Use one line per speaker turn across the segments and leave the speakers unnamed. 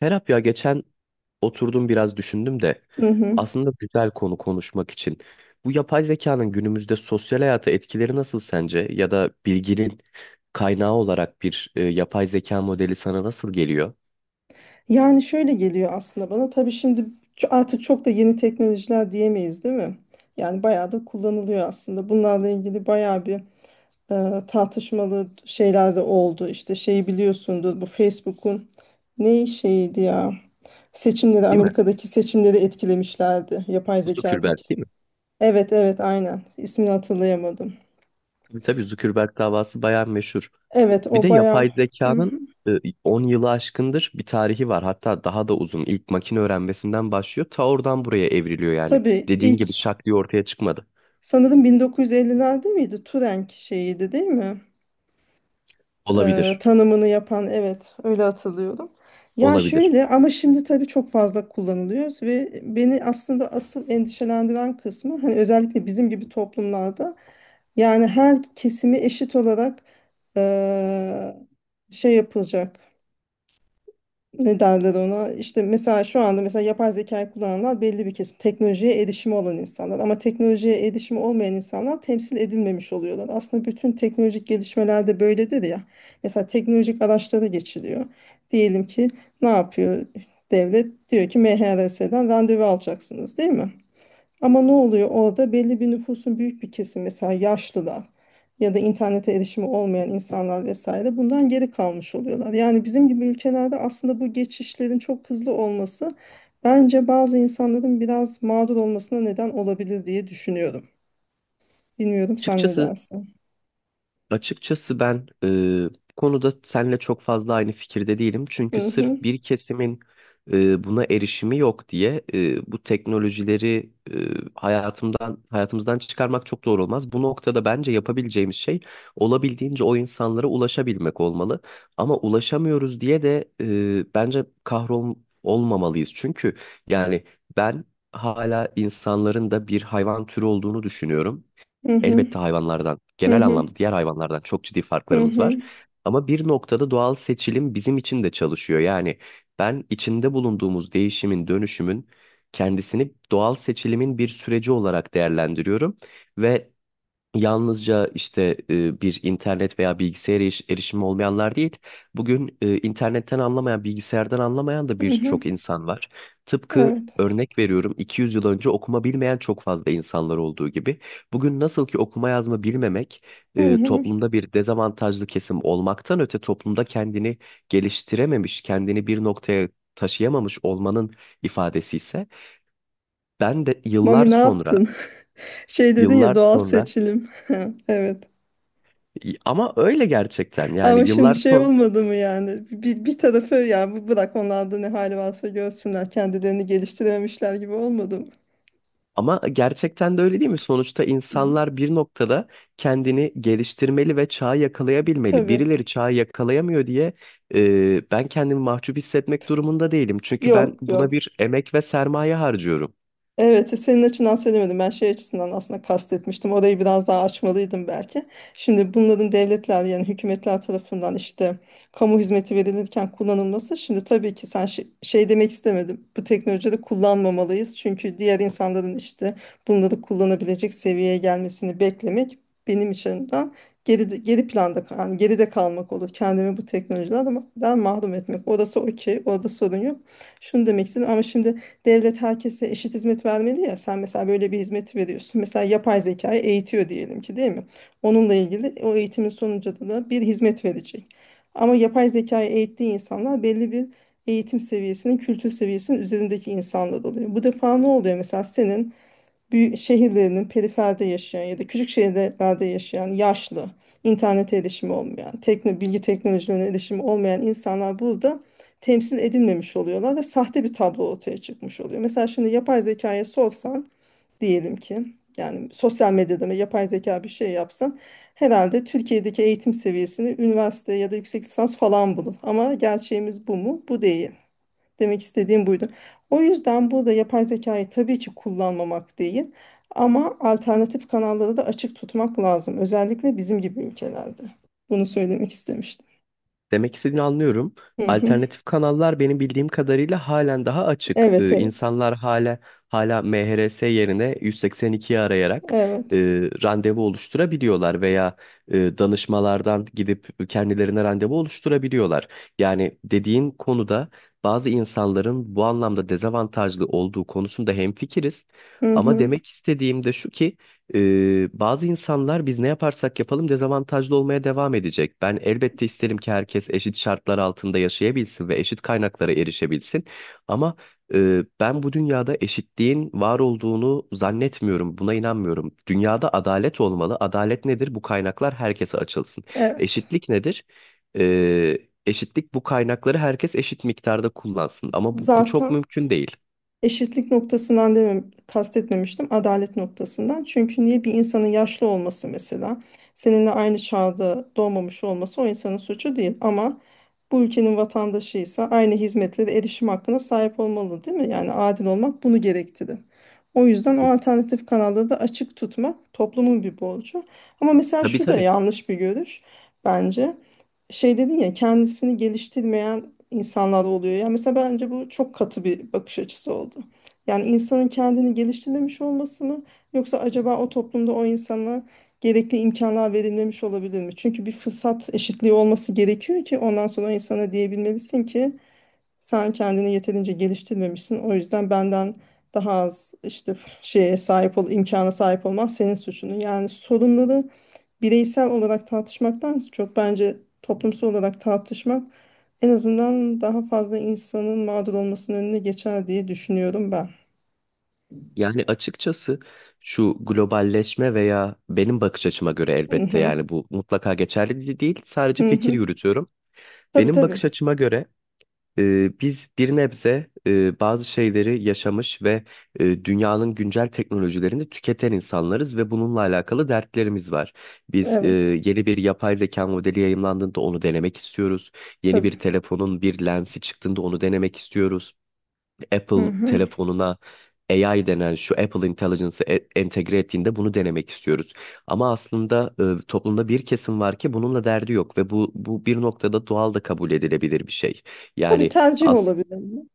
Serap ya geçen oturdum biraz düşündüm de
Hı hı.
aslında güzel konu konuşmak için. Bu yapay zekanın günümüzde sosyal hayata etkileri nasıl sence? Ya da bilginin kaynağı olarak bir yapay zeka modeli sana nasıl geliyor?
Yani şöyle geliyor aslında bana. Tabii şimdi artık çok da yeni teknolojiler diyemeyiz, değil mi? Yani bayağı da kullanılıyor aslında. Bunlarla ilgili bayağı bir tartışmalı şeyler de oldu. İşte şeyi biliyorsundur, bu Facebook'un ne şeydi ya? Seçimleri,
Değil mi?
Amerika'daki seçimleri etkilemişlerdi. Yapay
Zuckerberg
zekadaki.
değil mi?
Evet evet, aynen. İsmini hatırlayamadım.
Tabii tabii, Zuckerberg davası bayağı meşhur.
Evet,
Bir
o
de
bayağı.
yapay
Hı hı.
zekanın e, 10 yılı aşkındır bir tarihi var. Hatta daha da uzun. İlk makine öğrenmesinden başlıyor. Ta oradan buraya evriliyor yani.
Tabii
Dediğin
ilk
gibi şak diye ortaya çıkmadı.
sanırım 1950'lerde miydi? Turing şeyiydi değil mi?
Olabilir.
Tanımını yapan, evet, öyle hatırlıyorum. Ya
Olabilir.
şöyle, ama şimdi tabii çok fazla kullanılıyor ve beni aslında asıl endişelendiren kısmı hani özellikle bizim gibi toplumlarda yani her kesimi eşit olarak e, şey yapılacak, ne derler ona, işte mesela şu anda mesela yapay zekayı kullananlar belli bir kesim, teknolojiye erişimi olan insanlar, ama teknolojiye erişimi olmayan insanlar temsil edilmemiş oluyorlar. Aslında bütün teknolojik gelişmelerde böyledir ya, mesela teknolojik araçlara geçiliyor. Diyelim ki ne yapıyor devlet? Diyor ki MHRS'den randevu alacaksınız, değil mi? Ama ne oluyor orada? Belli bir nüfusun büyük bir kesimi, mesela yaşlılar ya da internete erişimi olmayan insanlar vesaire, bundan geri kalmış oluyorlar. Yani bizim gibi ülkelerde aslında bu geçişlerin çok hızlı olması bence bazı insanların biraz mağdur olmasına neden olabilir diye düşünüyorum. Bilmiyorum, sen ne
Açıkçası
dersin?
Açıkçası ben, bu konuda seninle çok fazla aynı fikirde değilim. Çünkü
Hı hı,
sırf bir kesimin buna erişimi yok diye bu teknolojileri hayatımdan hayatımızdan çıkarmak çok doğru olmaz. Bu noktada bence yapabileceğimiz şey olabildiğince o insanlara ulaşabilmek olmalı. Ama ulaşamıyoruz diye de bence kahrol olmamalıyız. Çünkü yani ben hala insanların da bir hayvan türü olduğunu düşünüyorum.
hı hı,
Elbette hayvanlardan,
hı
genel
hı,
anlamda diğer hayvanlardan çok ciddi
hı
farklarımız var.
hı,
Ama bir noktada doğal seçilim bizim için de çalışıyor. Yani ben içinde bulunduğumuz değişimin, dönüşümün kendisini doğal seçilimin bir süreci olarak değerlendiriyorum ve yalnızca işte bir internet veya bilgisayara erişimi olmayanlar değil, bugün internetten anlamayan, bilgisayardan anlamayan da
hı hı.
birçok insan var. Tıpkı
Evet.
örnek veriyorum, 200 yıl önce okuma bilmeyen çok fazla insanlar olduğu gibi. Bugün nasıl ki okuma yazma bilmemek
Hı hı.
toplumda bir dezavantajlı kesim olmaktan öte toplumda kendini geliştirememiş, kendini bir noktaya taşıyamamış olmanın ifadesi ise ben de yıllar
Mami ne
sonra,
yaptın? Şey dedin ya,
yıllar
doğal
sonra
seçilim. Evet.
ama öyle gerçekten, yani
Ama şimdi
yıllar
şey
sonra
olmadı mı, yani bir tarafı ya bu, bırak onlar da ne hali varsa görsünler, kendilerini geliştirememişler gibi olmadı mı?
ama gerçekten de öyle değil mi? Sonuçta
Hı,
insanlar bir noktada kendini geliştirmeli ve çağı yakalayabilmeli.
tabii.
Birileri çağı yakalayamıyor diye ben kendimi mahcup hissetmek durumunda değilim. Çünkü ben
Yok
buna
yok.
bir emek ve sermaye harcıyorum.
Evet, senin açından söylemedim. Ben şey açısından aslında kastetmiştim. Orayı biraz daha açmalıydım belki. Şimdi bunların devletler yani hükümetler tarafından işte kamu hizmeti verilirken kullanılması. Şimdi tabii ki sen şey, şey demek istemedim. Bu teknolojileri kullanmamalıyız. Çünkü diğer insanların işte bunları kullanabilecek seviyeye gelmesini beklemek benim açımdan geri planda yani geride kalmak olur. Kendimi bu teknolojilerden mahrum etmek. Orası okey. Orada sorun yok. Şunu demek istedim ama şimdi devlet herkese eşit hizmet vermeli ya. Sen mesela böyle bir hizmeti veriyorsun. Mesela yapay zekayı eğitiyor diyelim ki, değil mi? Onunla ilgili o eğitimin sonucunda da bir hizmet verecek. Ama yapay zekayı eğittiği insanlar belli bir eğitim seviyesinin, kültür seviyesinin üzerindeki insanlar oluyor. Bu defa ne oluyor? Mesela senin büyük şehirlerinin periferde yaşayan ya da küçük şehirlerde yaşayan yaşlı, internete erişimi olmayan, tekno, bilgi teknolojilerine erişimi olmayan insanlar burada temsil edilmemiş oluyorlar ve sahte bir tablo ortaya çıkmış oluyor. Mesela şimdi yapay zekaya sorsan, diyelim ki, yani sosyal medyada mı yapay zeka bir şey yapsan, herhalde Türkiye'deki eğitim seviyesini üniversite ya da yüksek lisans falan bulur. Ama gerçeğimiz bu mu? Bu değil. Demek istediğim buydu. O yüzden burada yapay zekayı tabii ki kullanmamak değil, ama alternatif kanalları da açık tutmak lazım. Özellikle bizim gibi ülkelerde. Bunu söylemek istemiştim.
Demek istediğini anlıyorum.
Hı hı.
Alternatif kanallar benim bildiğim kadarıyla halen daha açık.
Evet, evet.
İnsanlar hala MHRS yerine 182'yi arayarak e,
Evet.
randevu oluşturabiliyorlar veya danışmalardan gidip kendilerine randevu oluşturabiliyorlar. Yani dediğin konuda bazı insanların bu anlamda dezavantajlı olduğu konusunda hemfikiriz.
Hı
Ama
hı.
demek istediğim de şu ki bazı insanlar biz ne yaparsak yapalım dezavantajlı olmaya devam edecek. Ben elbette isterim ki herkes eşit şartlar altında yaşayabilsin ve eşit kaynaklara erişebilsin. Ama ben bu dünyada eşitliğin var olduğunu zannetmiyorum, buna inanmıyorum. Dünyada adalet olmalı. Adalet nedir? Bu kaynaklar herkese açılsın.
Evet.
Eşitlik nedir? Ee, Eşitlik bu kaynakları herkes eşit miktarda kullansın. Ama bu çok
Zaten
mümkün değil.
eşitlik noktasından demem, kastetmemiştim. Adalet noktasından. Çünkü niye bir insanın yaşlı olması mesela, seninle aynı çağda doğmamış olması o insanın suçu değil. Ama bu ülkenin vatandaşıysa aynı hizmetlere erişim hakkına sahip olmalı, değil mi? Yani adil olmak bunu gerektirir. O yüzden o alternatif kanalları da açık tutmak toplumun bir borcu. Ama mesela
Tabii
şu da
tabii.
yanlış bir görüş bence. Şey dedin ya, kendisini geliştirmeyen insanlar oluyor. Yani mesela bence bu çok katı bir bakış açısı oldu. Yani insanın kendini geliştirmemiş olması mı, yoksa acaba o toplumda o insana gerekli imkanlar verilmemiş olabilir mi? Çünkü bir fırsat eşitliği olması gerekiyor ki ondan sonra o insana diyebilmelisin ki sen kendini yeterince geliştirmemişsin. O yüzden benden daha az işte şeye sahip ol, imkana sahip olman senin suçun. Yani sorunları bireysel olarak tartışmaktan çok bence toplumsal olarak tartışmak en azından daha fazla insanın mağdur olmasının önüne geçer diye düşünüyorum ben.
Yani açıkçası şu globalleşme veya benim bakış açıma göre, elbette
Hı-hı.
yani bu mutlaka geçerli değil, sadece fikir
Hı-hı.
yürütüyorum.
Tabii
Benim
tabii.
bakış açıma göre biz bir nebze bazı şeyleri yaşamış ve dünyanın güncel teknolojilerini tüketen insanlarız ve bununla alakalı dertlerimiz var. Biz
Evet.
yeni bir yapay zeka modeli yayımlandığında onu denemek istiyoruz. Yeni bir
Tabii.
telefonun bir lensi çıktığında onu denemek istiyoruz. Apple
Hı-hı.
telefonuna AI denen şu Apple Intelligence'ı entegre ettiğinde bunu denemek istiyoruz. Ama aslında toplumda bir kesim var ki bununla derdi yok ve bu bir noktada doğal da kabul edilebilir bir şey.
Tabii,
Yani
tercih olabilir.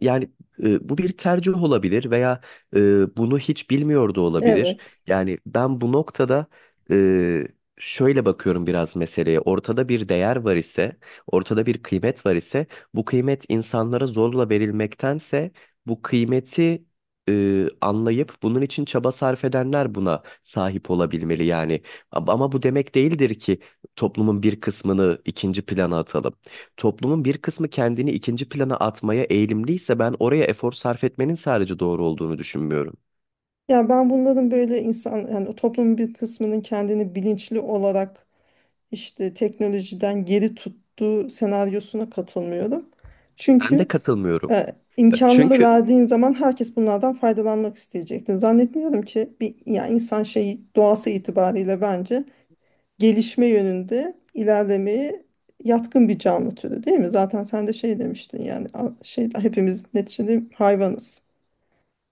yani bu bir tercih olabilir veya bunu hiç bilmiyor da olabilir.
Evet.
Yani ben bu noktada e, şöyle bakıyorum biraz meseleye. Ortada bir değer var ise, ortada bir kıymet var ise, bu kıymet insanlara zorla verilmektense bu kıymeti anlayıp bunun için çaba sarf edenler buna sahip olabilmeli yani. Ama bu demek değildir ki toplumun bir kısmını ikinci plana atalım. Toplumun bir kısmı kendini ikinci plana atmaya eğilimliyse ben oraya efor sarf etmenin sadece doğru olduğunu düşünmüyorum.
Ya ben bunların böyle insan yani o toplumun bir kısmının kendini bilinçli olarak işte teknolojiden geri tuttuğu senaryosuna katılmıyorum.
Ben de
Çünkü
katılmıyorum.
E, imkanları
Çünkü
verdiğin zaman herkes bunlardan faydalanmak isteyecektir. Zannetmiyorum ki bir, yani insan şeyi doğası itibariyle bence gelişme yönünde ilerlemeye yatkın bir canlı türü, değil mi? Zaten sen de şey demiştin, yani şey, hepimiz neticede hayvanız.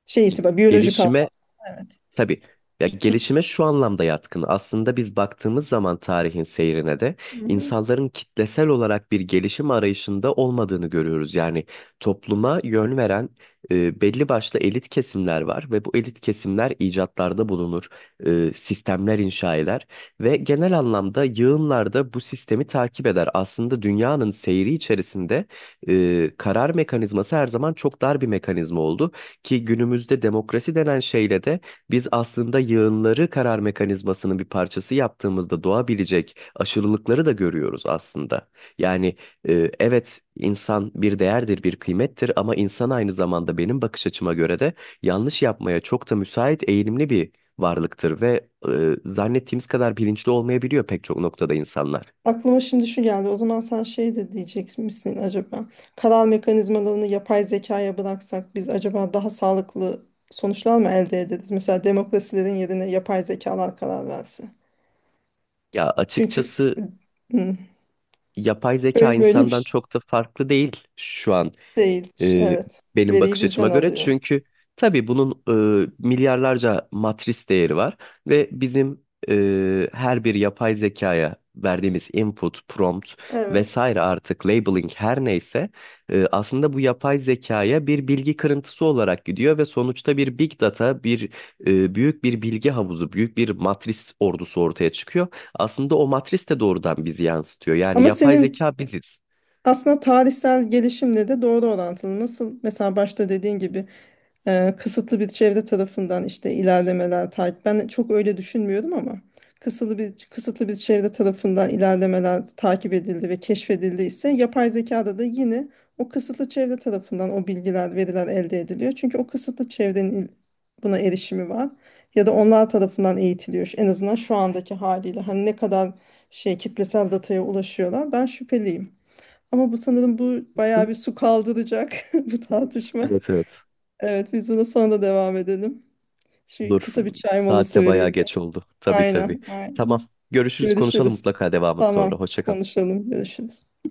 Şey itibar, biyolojik anlamda
gelişime.
evet.
Tabii. Ya gelişime şu anlamda yatkın. Aslında biz baktığımız zaman tarihin seyrine de
Hı hı.
insanların kitlesel olarak bir gelişim arayışında olmadığını görüyoruz. Yani topluma yön veren belli başlı elit kesimler var ve bu elit kesimler icatlarda bulunur, sistemler inşa eder ve genel anlamda yığınlarda bu sistemi takip eder. Aslında dünyanın seyri içerisinde karar mekanizması her zaman çok dar bir mekanizma oldu ki günümüzde demokrasi denen şeyle de biz aslında yığınları karar mekanizmasının bir parçası yaptığımızda doğabilecek aşırılıkları da görüyoruz aslında. Yani evet, insan bir değerdir, bir kıymettir, ama insan aynı zamanda benim bakış açıma göre de yanlış yapmaya çok da müsait, eğilimli bir varlıktır ve zannettiğimiz kadar bilinçli olmayabiliyor pek çok noktada insanlar.
Aklıma şimdi şu geldi. O zaman sen şey de diyecek misin acaba? Karar mekanizmalarını yapay zekaya bıraksak biz acaba daha sağlıklı sonuçlar mı elde ederiz? Mesela demokrasilerin yerine yapay zekalar karar verse.
Ya
Çünkü
açıkçası
hı,
yapay zeka
böyle bir
insandan
şey
çok da farklı değil şu an,
değil.
e,
Evet.
benim
Veriyi
bakış açıma
bizden
göre.
alıyor.
Çünkü tabii bunun milyarlarca matris değeri var ve bizim her bir yapay zekaya verdiğimiz input, prompt
Evet.
vesaire, artık labeling her neyse, aslında bu yapay zekaya bir bilgi kırıntısı olarak gidiyor ve sonuçta bir big data, bir büyük bir bilgi havuzu, büyük bir matris ordusu ortaya çıkıyor. Aslında o matris de doğrudan bizi yansıtıyor. Yani
Ama
yapay
senin
zeka biziz.
aslında tarihsel gelişimle de doğru orantılı. Nasıl mesela başta dediğin gibi kısıtlı bir çevre tarafından işte ilerlemeler takip. Ben çok öyle düşünmüyorum ama kısıtlı bir çevre tarafından ilerlemeler takip edildi ve keşfedildi ise yapay zekada da yine o kısıtlı çevre tarafından o bilgiler, veriler elde ediliyor. Çünkü o kısıtlı çevrenin buna erişimi var ya da onlar tarafından eğitiliyor. En azından şu andaki haliyle hani ne kadar şey kitlesel dataya ulaşıyorlar ben şüpheliyim. Ama bu sanırım bu bayağı bir su kaldıracak bu tartışma.
Evet, evet.
Evet, biz buna sonra da devam edelim. Şimdi
Dur.
kısa bir çay molası
Saatte bayağı
vereyim ben.
geç oldu. Tabii
Aynen,
tabii.
aynen.
Tamam. Görüşürüz, konuşalım
Görüşürüz.
mutlaka devamı sonra.
Tamam,
Hoşça kal.
konuşalım, görüşürüz.